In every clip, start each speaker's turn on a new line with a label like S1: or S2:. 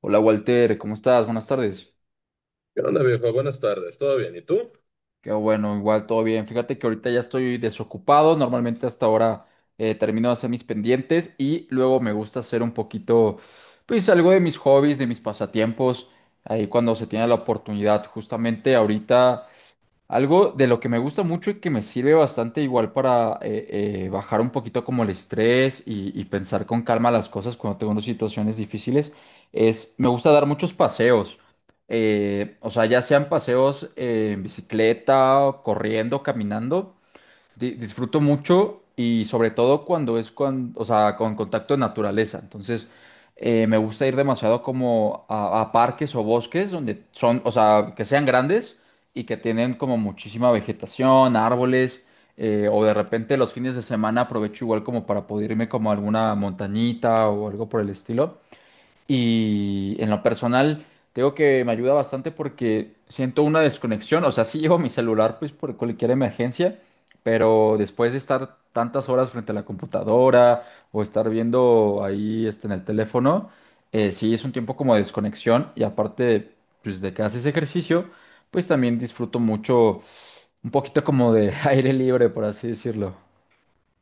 S1: Hola Walter, ¿cómo estás? Buenas tardes.
S2: ¿Qué onda, viejo? Buenas tardes. ¿Todo bien? ¿Y tú?
S1: Qué bueno, igual todo bien. Fíjate que ahorita ya estoy desocupado. Normalmente hasta ahora termino de hacer mis pendientes y luego me gusta hacer un poquito, pues algo de mis hobbies, de mis pasatiempos, ahí cuando se tiene la oportunidad. Justamente ahorita algo de lo que me gusta mucho y que me sirve bastante igual para bajar un poquito como el estrés y pensar con calma las cosas cuando tengo unas situaciones difíciles es, me gusta dar muchos paseos. O sea, ya sean paseos en bicicleta, corriendo, caminando disfruto mucho y sobre todo cuando es con, o sea, con contacto de naturaleza. Entonces, me gusta ir demasiado como a parques o bosques donde son, o sea, que sean grandes y que tienen como muchísima vegetación, árboles, o de repente los fines de semana aprovecho igual como para poder irme como a alguna montañita o algo por el estilo. Y en lo personal, tengo que me ayuda bastante porque siento una desconexión. O sea, sí llevo mi celular pues por cualquier emergencia, pero después de estar tantas horas frente a la computadora o estar viendo ahí este, en el teléfono, sí es un tiempo como de desconexión. Y aparte, pues de que haces ejercicio, pues también disfruto mucho un poquito como de aire libre, por así decirlo.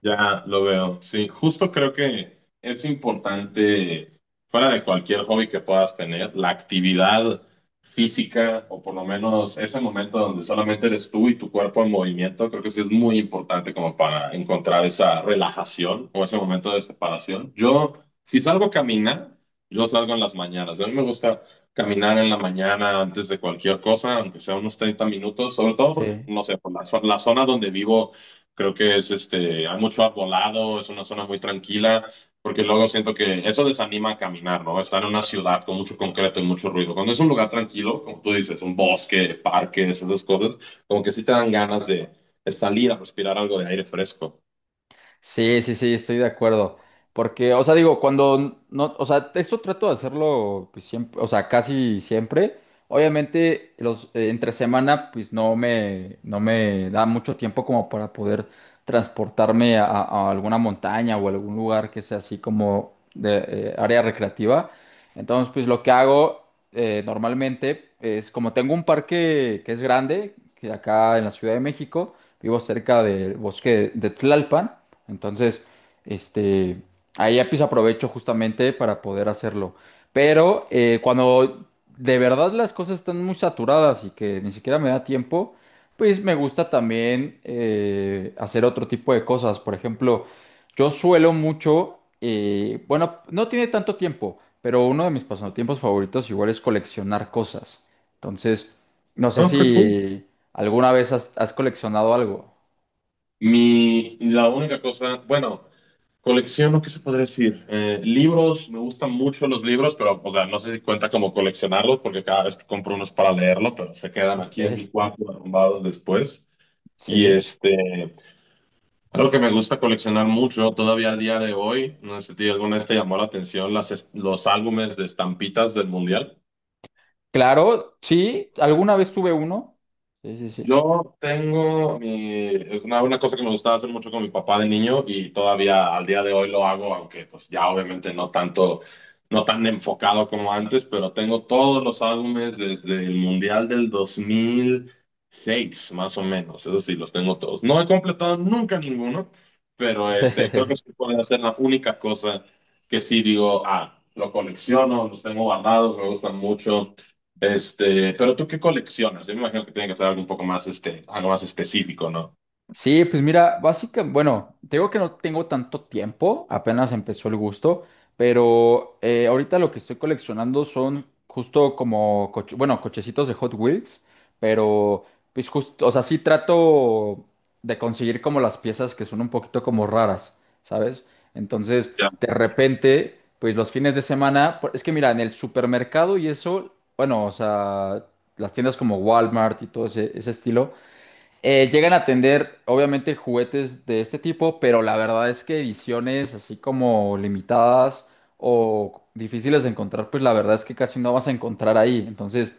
S2: Ya lo veo, sí, justo creo que es importante, fuera de cualquier hobby que puedas tener, la actividad física o por lo menos ese momento donde solamente eres tú y tu cuerpo en movimiento, creo que sí es muy importante como para encontrar o ese momento de separación. Yo, si salgo a caminar, yo salgo en las mañanas. A mí me gusta caminar en la mañana antes de cualquier cosa, aunque sea unos 30 minutos, sobre todo porque,
S1: Sí.
S2: no sé, por la zona donde vivo, creo que es este, hay mucho arbolado, es una zona muy tranquila, porque luego siento que eso desanima a caminar, ¿no? Estar en una ciudad con mucho concreto y mucho ruido. Cuando es un lugar tranquilo, como tú dices, un bosque, parques, esas cosas, como que sí te dan ganas de salir a respirar algo de aire fresco.
S1: Sí, sí, sí, estoy de acuerdo. Porque, o sea, digo, cuando no, o sea, esto trato de hacerlo pues, siempre, o sea, casi siempre. Obviamente, los entre semana, pues no me da mucho tiempo como para poder transportarme a alguna montaña o algún lugar que sea así como de área recreativa. Entonces, pues lo que hago normalmente es como tengo un parque que es grande, que acá en la Ciudad de México, vivo cerca del bosque de Tlalpan. Entonces, este, ahí ya pues aprovecho justamente para poder hacerlo. Pero cuando de verdad las cosas están muy saturadas y que ni siquiera me da tiempo, pues me gusta también hacer otro tipo de cosas. Por ejemplo, yo suelo mucho, bueno, no tiene tanto tiempo, pero uno de mis pasatiempos favoritos igual es coleccionar cosas. Entonces, no sé
S2: Ah, qué cool.
S1: si alguna vez has coleccionado algo.
S2: Mi, la única cosa, bueno, colecciono, ¿qué se podría decir? Libros, me gustan mucho los libros, pero, o sea, no sé si cuenta como coleccionarlos, porque cada vez que compro unos para leerlo, pero se quedan
S1: Ok.
S2: aquí en mi cuarto arrumbados después. Y
S1: Sí.
S2: este, algo que me gusta coleccionar mucho, todavía al día de hoy, no sé si alguna vez te llamó la atención los álbumes de estampitas del mundial.
S1: Claro, sí, alguna vez tuve uno. Sí, sí, sí.
S2: Yo tengo mi, es una cosa que me gustaba hacer mucho con mi papá de niño y todavía al día de hoy lo hago, aunque pues ya obviamente no tanto, no tan enfocado como antes, pero tengo todos los álbumes desde el Mundial del 2006 más o menos, eso sí, los tengo todos. No he completado nunca ninguno, pero este, creo que sí puede ser la única cosa que sí digo, ah, lo colecciono, los tengo guardados, me gustan mucho. Este, pero ¿tú qué coleccionas? Yo me imagino que tiene que ser algo un poco más, este, algo más específico, ¿no?
S1: Sí, pues mira, básicamente, bueno, te digo que no tengo tanto tiempo, apenas empezó el gusto, pero ahorita lo que estoy coleccionando son justo como, bueno, cochecitos de Hot Wheels, pero pues justo, o sea, sí trato de conseguir como las piezas que son un poquito como raras, ¿sabes? Entonces,
S2: Ya.
S1: de repente, pues los fines de semana, es que mira, en el supermercado y eso, bueno, o sea, las tiendas como Walmart y todo ese estilo. Llegan a tener, obviamente, juguetes de este tipo, pero la verdad es que ediciones así como limitadas o difíciles de encontrar, pues la verdad es que casi no vas a encontrar ahí. Entonces,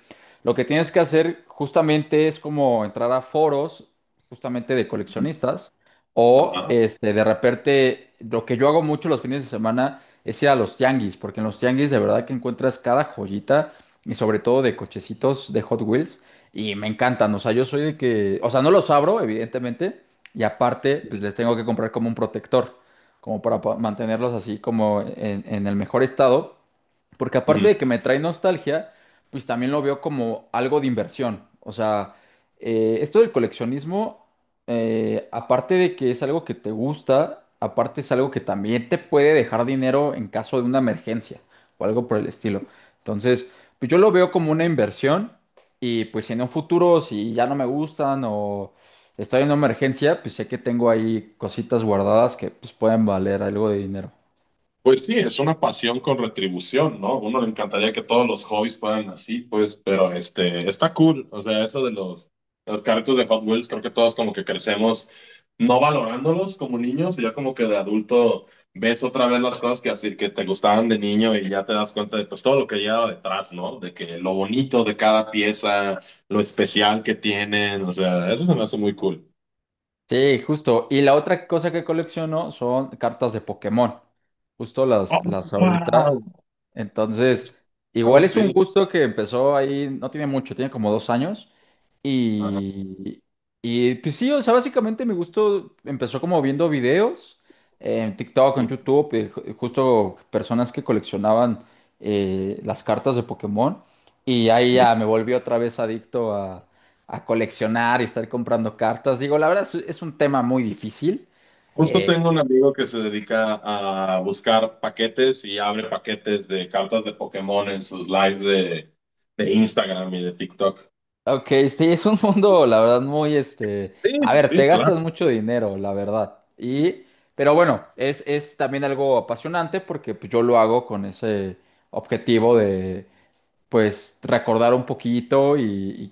S1: lo que tienes que hacer justamente es como entrar a foros justamente de coleccionistas o
S2: Ajá.
S1: este, de repente, lo que yo hago mucho los fines de semana es ir a los tianguis, porque en los tianguis de verdad que encuentras cada joyita y sobre todo de cochecitos de Hot Wheels y me encantan. O sea, yo soy de que, o sea, no los abro, evidentemente, y aparte, pues les tengo que comprar como un protector, como para mantenerlos así como en el mejor estado. Porque aparte
S2: Ujú.
S1: de que me trae nostalgia, pues también lo veo como algo de inversión. O sea, esto del coleccionismo, aparte de que es algo que te gusta, aparte es algo que también te puede dejar dinero en caso de una emergencia o algo por el estilo. Entonces, pues yo lo veo como una inversión y pues si en un futuro, si ya no me gustan o estoy en una emergencia, pues sé que tengo ahí cositas guardadas que pues pueden valer algo de dinero.
S2: Pues sí, es una pasión con retribución, ¿no? Uno le encantaría que todos los hobbies fueran así, pues, pero este, está cool. O sea, eso de los carritos de Hot Wheels, creo que todos como que crecemos no valorándolos como niños, y ya como que de adulto ves otra vez las cosas que así que te gustaban de niño y ya te das cuenta de pues todo lo que lleva detrás, ¿no? De que lo bonito de cada pieza, lo especial que tienen, o sea, eso se me hace muy cool.
S1: Sí, justo. Y la otra cosa que colecciono son cartas de Pokémon. Justo
S2: Oh,
S1: las ahorita.
S2: wow.
S1: Entonces,
S2: Ah,
S1: igual es un
S2: sí.
S1: gusto que empezó ahí, no tiene mucho, tiene como dos años.
S2: Ajá.
S1: Y, y pues sí, o sea, básicamente mi gusto empezó como viendo videos en TikTok, en
S2: Mm,
S1: YouTube, justo personas que coleccionaban las cartas de Pokémon. Y ahí
S2: mm.
S1: ya me volví otra vez adicto a coleccionar y estar comprando cartas. Digo, la verdad es un tema muy difícil.
S2: Justo
S1: Eh,
S2: tengo un amigo que se dedica a buscar paquetes y abre paquetes de cartas de Pokémon en sus lives de Instagram y de TikTok.
S1: ok, sí, es un mundo, la verdad, muy este.
S2: Sí,
S1: A ver, te
S2: sí, claro.
S1: gastas mucho dinero, la verdad. Y, pero bueno, es también algo apasionante porque pues, yo lo hago con ese objetivo de, pues, recordar un poquito y,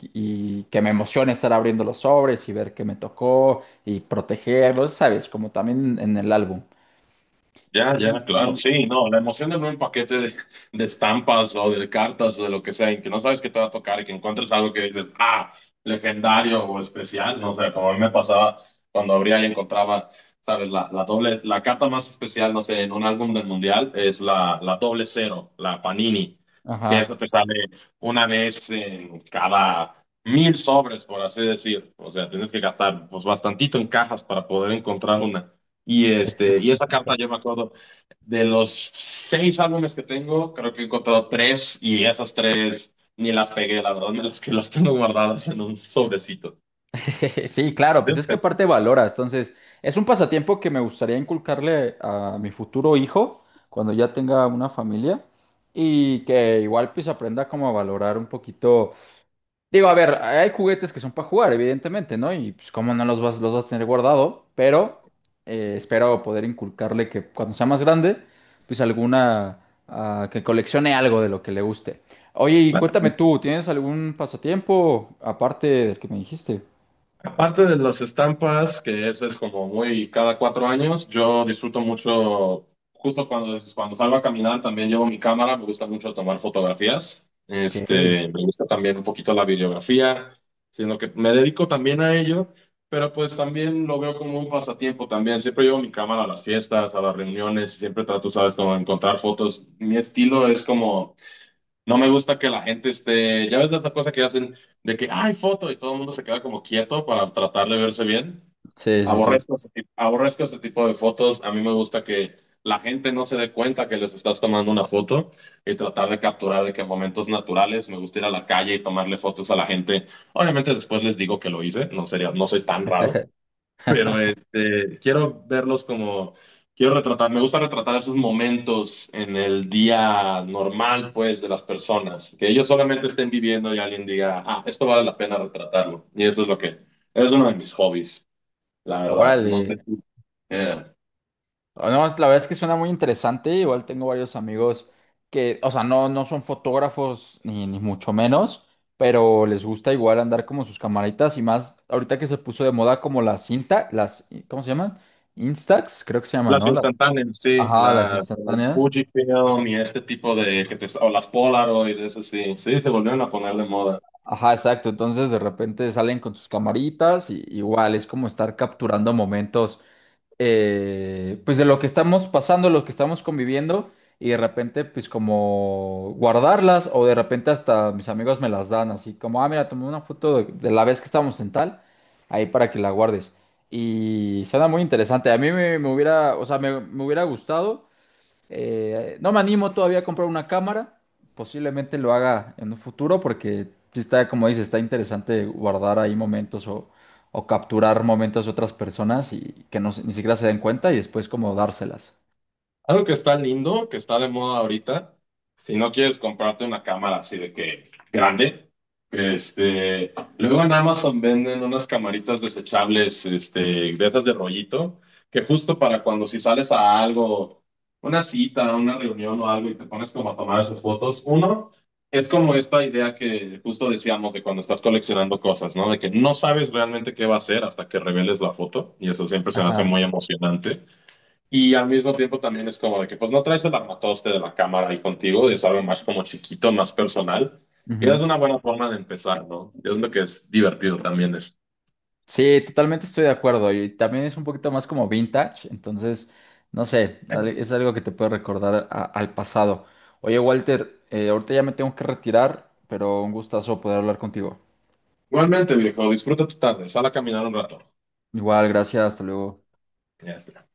S1: y- y que me emocione estar abriendo los sobres y ver qué me tocó y protegerlos, ¿sabes? Como también en el álbum.
S2: Ya, ya, claro,
S1: Y,
S2: sí, no, la emoción de ver un paquete de estampas o de cartas o de lo que sea, y que no sabes qué te va a tocar y que encuentres algo que dices, ah, legendario o especial, no sé, como a mí me pasaba cuando abría y encontraba, sabes, la doble, la carta más especial, no sé, en un álbum del mundial es la doble cero, la Panini, que esa
S1: ajá.
S2: te sale una vez en cada 1000 sobres, por así decir, o sea, tienes que gastar pues bastantito en cajas para poder encontrar una. Y, este, y esa carta yo me acuerdo, de los seis álbumes que tengo, creo que he encontrado tres y esas tres ni las pegué, la verdad, me las que las tengo guardadas en un sobrecito.
S1: Sí, claro, pues es que aparte valora, entonces es un pasatiempo que me gustaría inculcarle a mi futuro hijo cuando ya tenga una familia y que igual pues aprenda como a valorar un poquito. Digo, a ver, hay juguetes que son para jugar, evidentemente, ¿no? Y pues como no los vas, los vas a tener guardado, pero espero poder inculcarle que cuando sea más grande, pues alguna, ah, que coleccione algo de lo que le guste. Oye, y cuéntame tú, ¿tienes algún pasatiempo aparte del que me dijiste?
S2: Aparte de las estampas, que eso es como muy cada 4 años, yo disfruto mucho, justo cuando salgo a caminar, también llevo mi cámara, me gusta mucho tomar fotografías,
S1: Ok.
S2: este, me gusta también un poquito la videografía, sino que me dedico también a ello, pero pues también lo veo como un pasatiempo también, siempre llevo mi cámara a las fiestas, a las reuniones, siempre trato, sabes, como encontrar fotos, mi estilo es como... No me gusta que la gente esté, ya ves esa cosa que hacen de que hay foto y todo el mundo se queda como quieto para tratar de verse bien.
S1: Sí, sí, sí.
S2: Aborrezco ese tipo de fotos. A mí me gusta que la gente no se dé cuenta que les estás tomando una foto y tratar de capturar de que momentos naturales. Me gusta ir a la calle y tomarle fotos a la gente. Obviamente después les digo que lo hice, no sería, no soy tan raro. Pero este, quiero verlos como, quiero retratar, me gusta retratar esos momentos en el día normal, pues, de las personas, que ellos solamente estén viviendo y alguien diga, ah, esto vale la pena retratarlo. Y eso es lo que, es uno de mis hobbies, la verdad. No sé
S1: Órale.
S2: si, eh,
S1: Ah, no, la verdad es que suena muy interesante. Igual tengo varios amigos que, o sea, no son fotógrafos ni mucho menos, pero les gusta igual andar como sus camaritas y más ahorita que se puso de moda como las cinta, las, ¿cómo se llaman? Instax, creo que se llaman,
S2: las
S1: ¿no? Las,
S2: instantáneas, sí,
S1: ajá, las
S2: las el
S1: instantáneas.
S2: Fujifilm y este tipo de, que te, o las Polaroid, eso sí, sí, se volvieron a poner de moda.
S1: Ajá, exacto. Entonces de repente salen con sus camaritas y igual es como estar capturando momentos pues de lo que estamos pasando, lo que estamos conviviendo y de repente pues como guardarlas o de repente hasta mis amigos me las dan así como, ah, mira, tomé una foto de la vez que estábamos en tal, ahí para que la guardes. Y suena muy interesante. A mí me hubiera, o sea, me hubiera gustado no me animo todavía a comprar una cámara. Posiblemente lo haga en un futuro porque sí está, como dices, está interesante guardar ahí momentos o capturar momentos de otras personas y que no, ni siquiera se den cuenta y después como dárselas.
S2: Algo que está lindo, que está de moda ahorita, si no quieres comprarte una cámara así de que grande, este, luego en Amazon venden unas camaritas desechables, este, de esas de rollito, que justo para cuando si sales a algo, una cita, una reunión o algo y te pones como a tomar esas fotos, uno, es como esta idea que justo decíamos de cuando estás coleccionando cosas, ¿no? De que no sabes realmente qué va a ser hasta que reveles la foto y eso siempre se me hace
S1: Ajá.
S2: muy emocionante. Y al mismo tiempo también es como de que pues no traes el armatoste de la cámara ahí contigo, es algo más como chiquito, más personal. Y es
S1: Ujú.
S2: una buena forma de empezar, ¿no? Y es lo que es divertido también es.
S1: Sí, totalmente estoy de acuerdo. Y también es un poquito más como vintage, entonces, no sé, es algo que te puede recordar al pasado. Oye, Walter, ahorita ya me tengo que retirar, pero un gustazo poder hablar contigo.
S2: Igualmente, viejo, disfruta tu tarde, sal a caminar un rato.
S1: Igual, gracias, hasta luego.
S2: Ya está.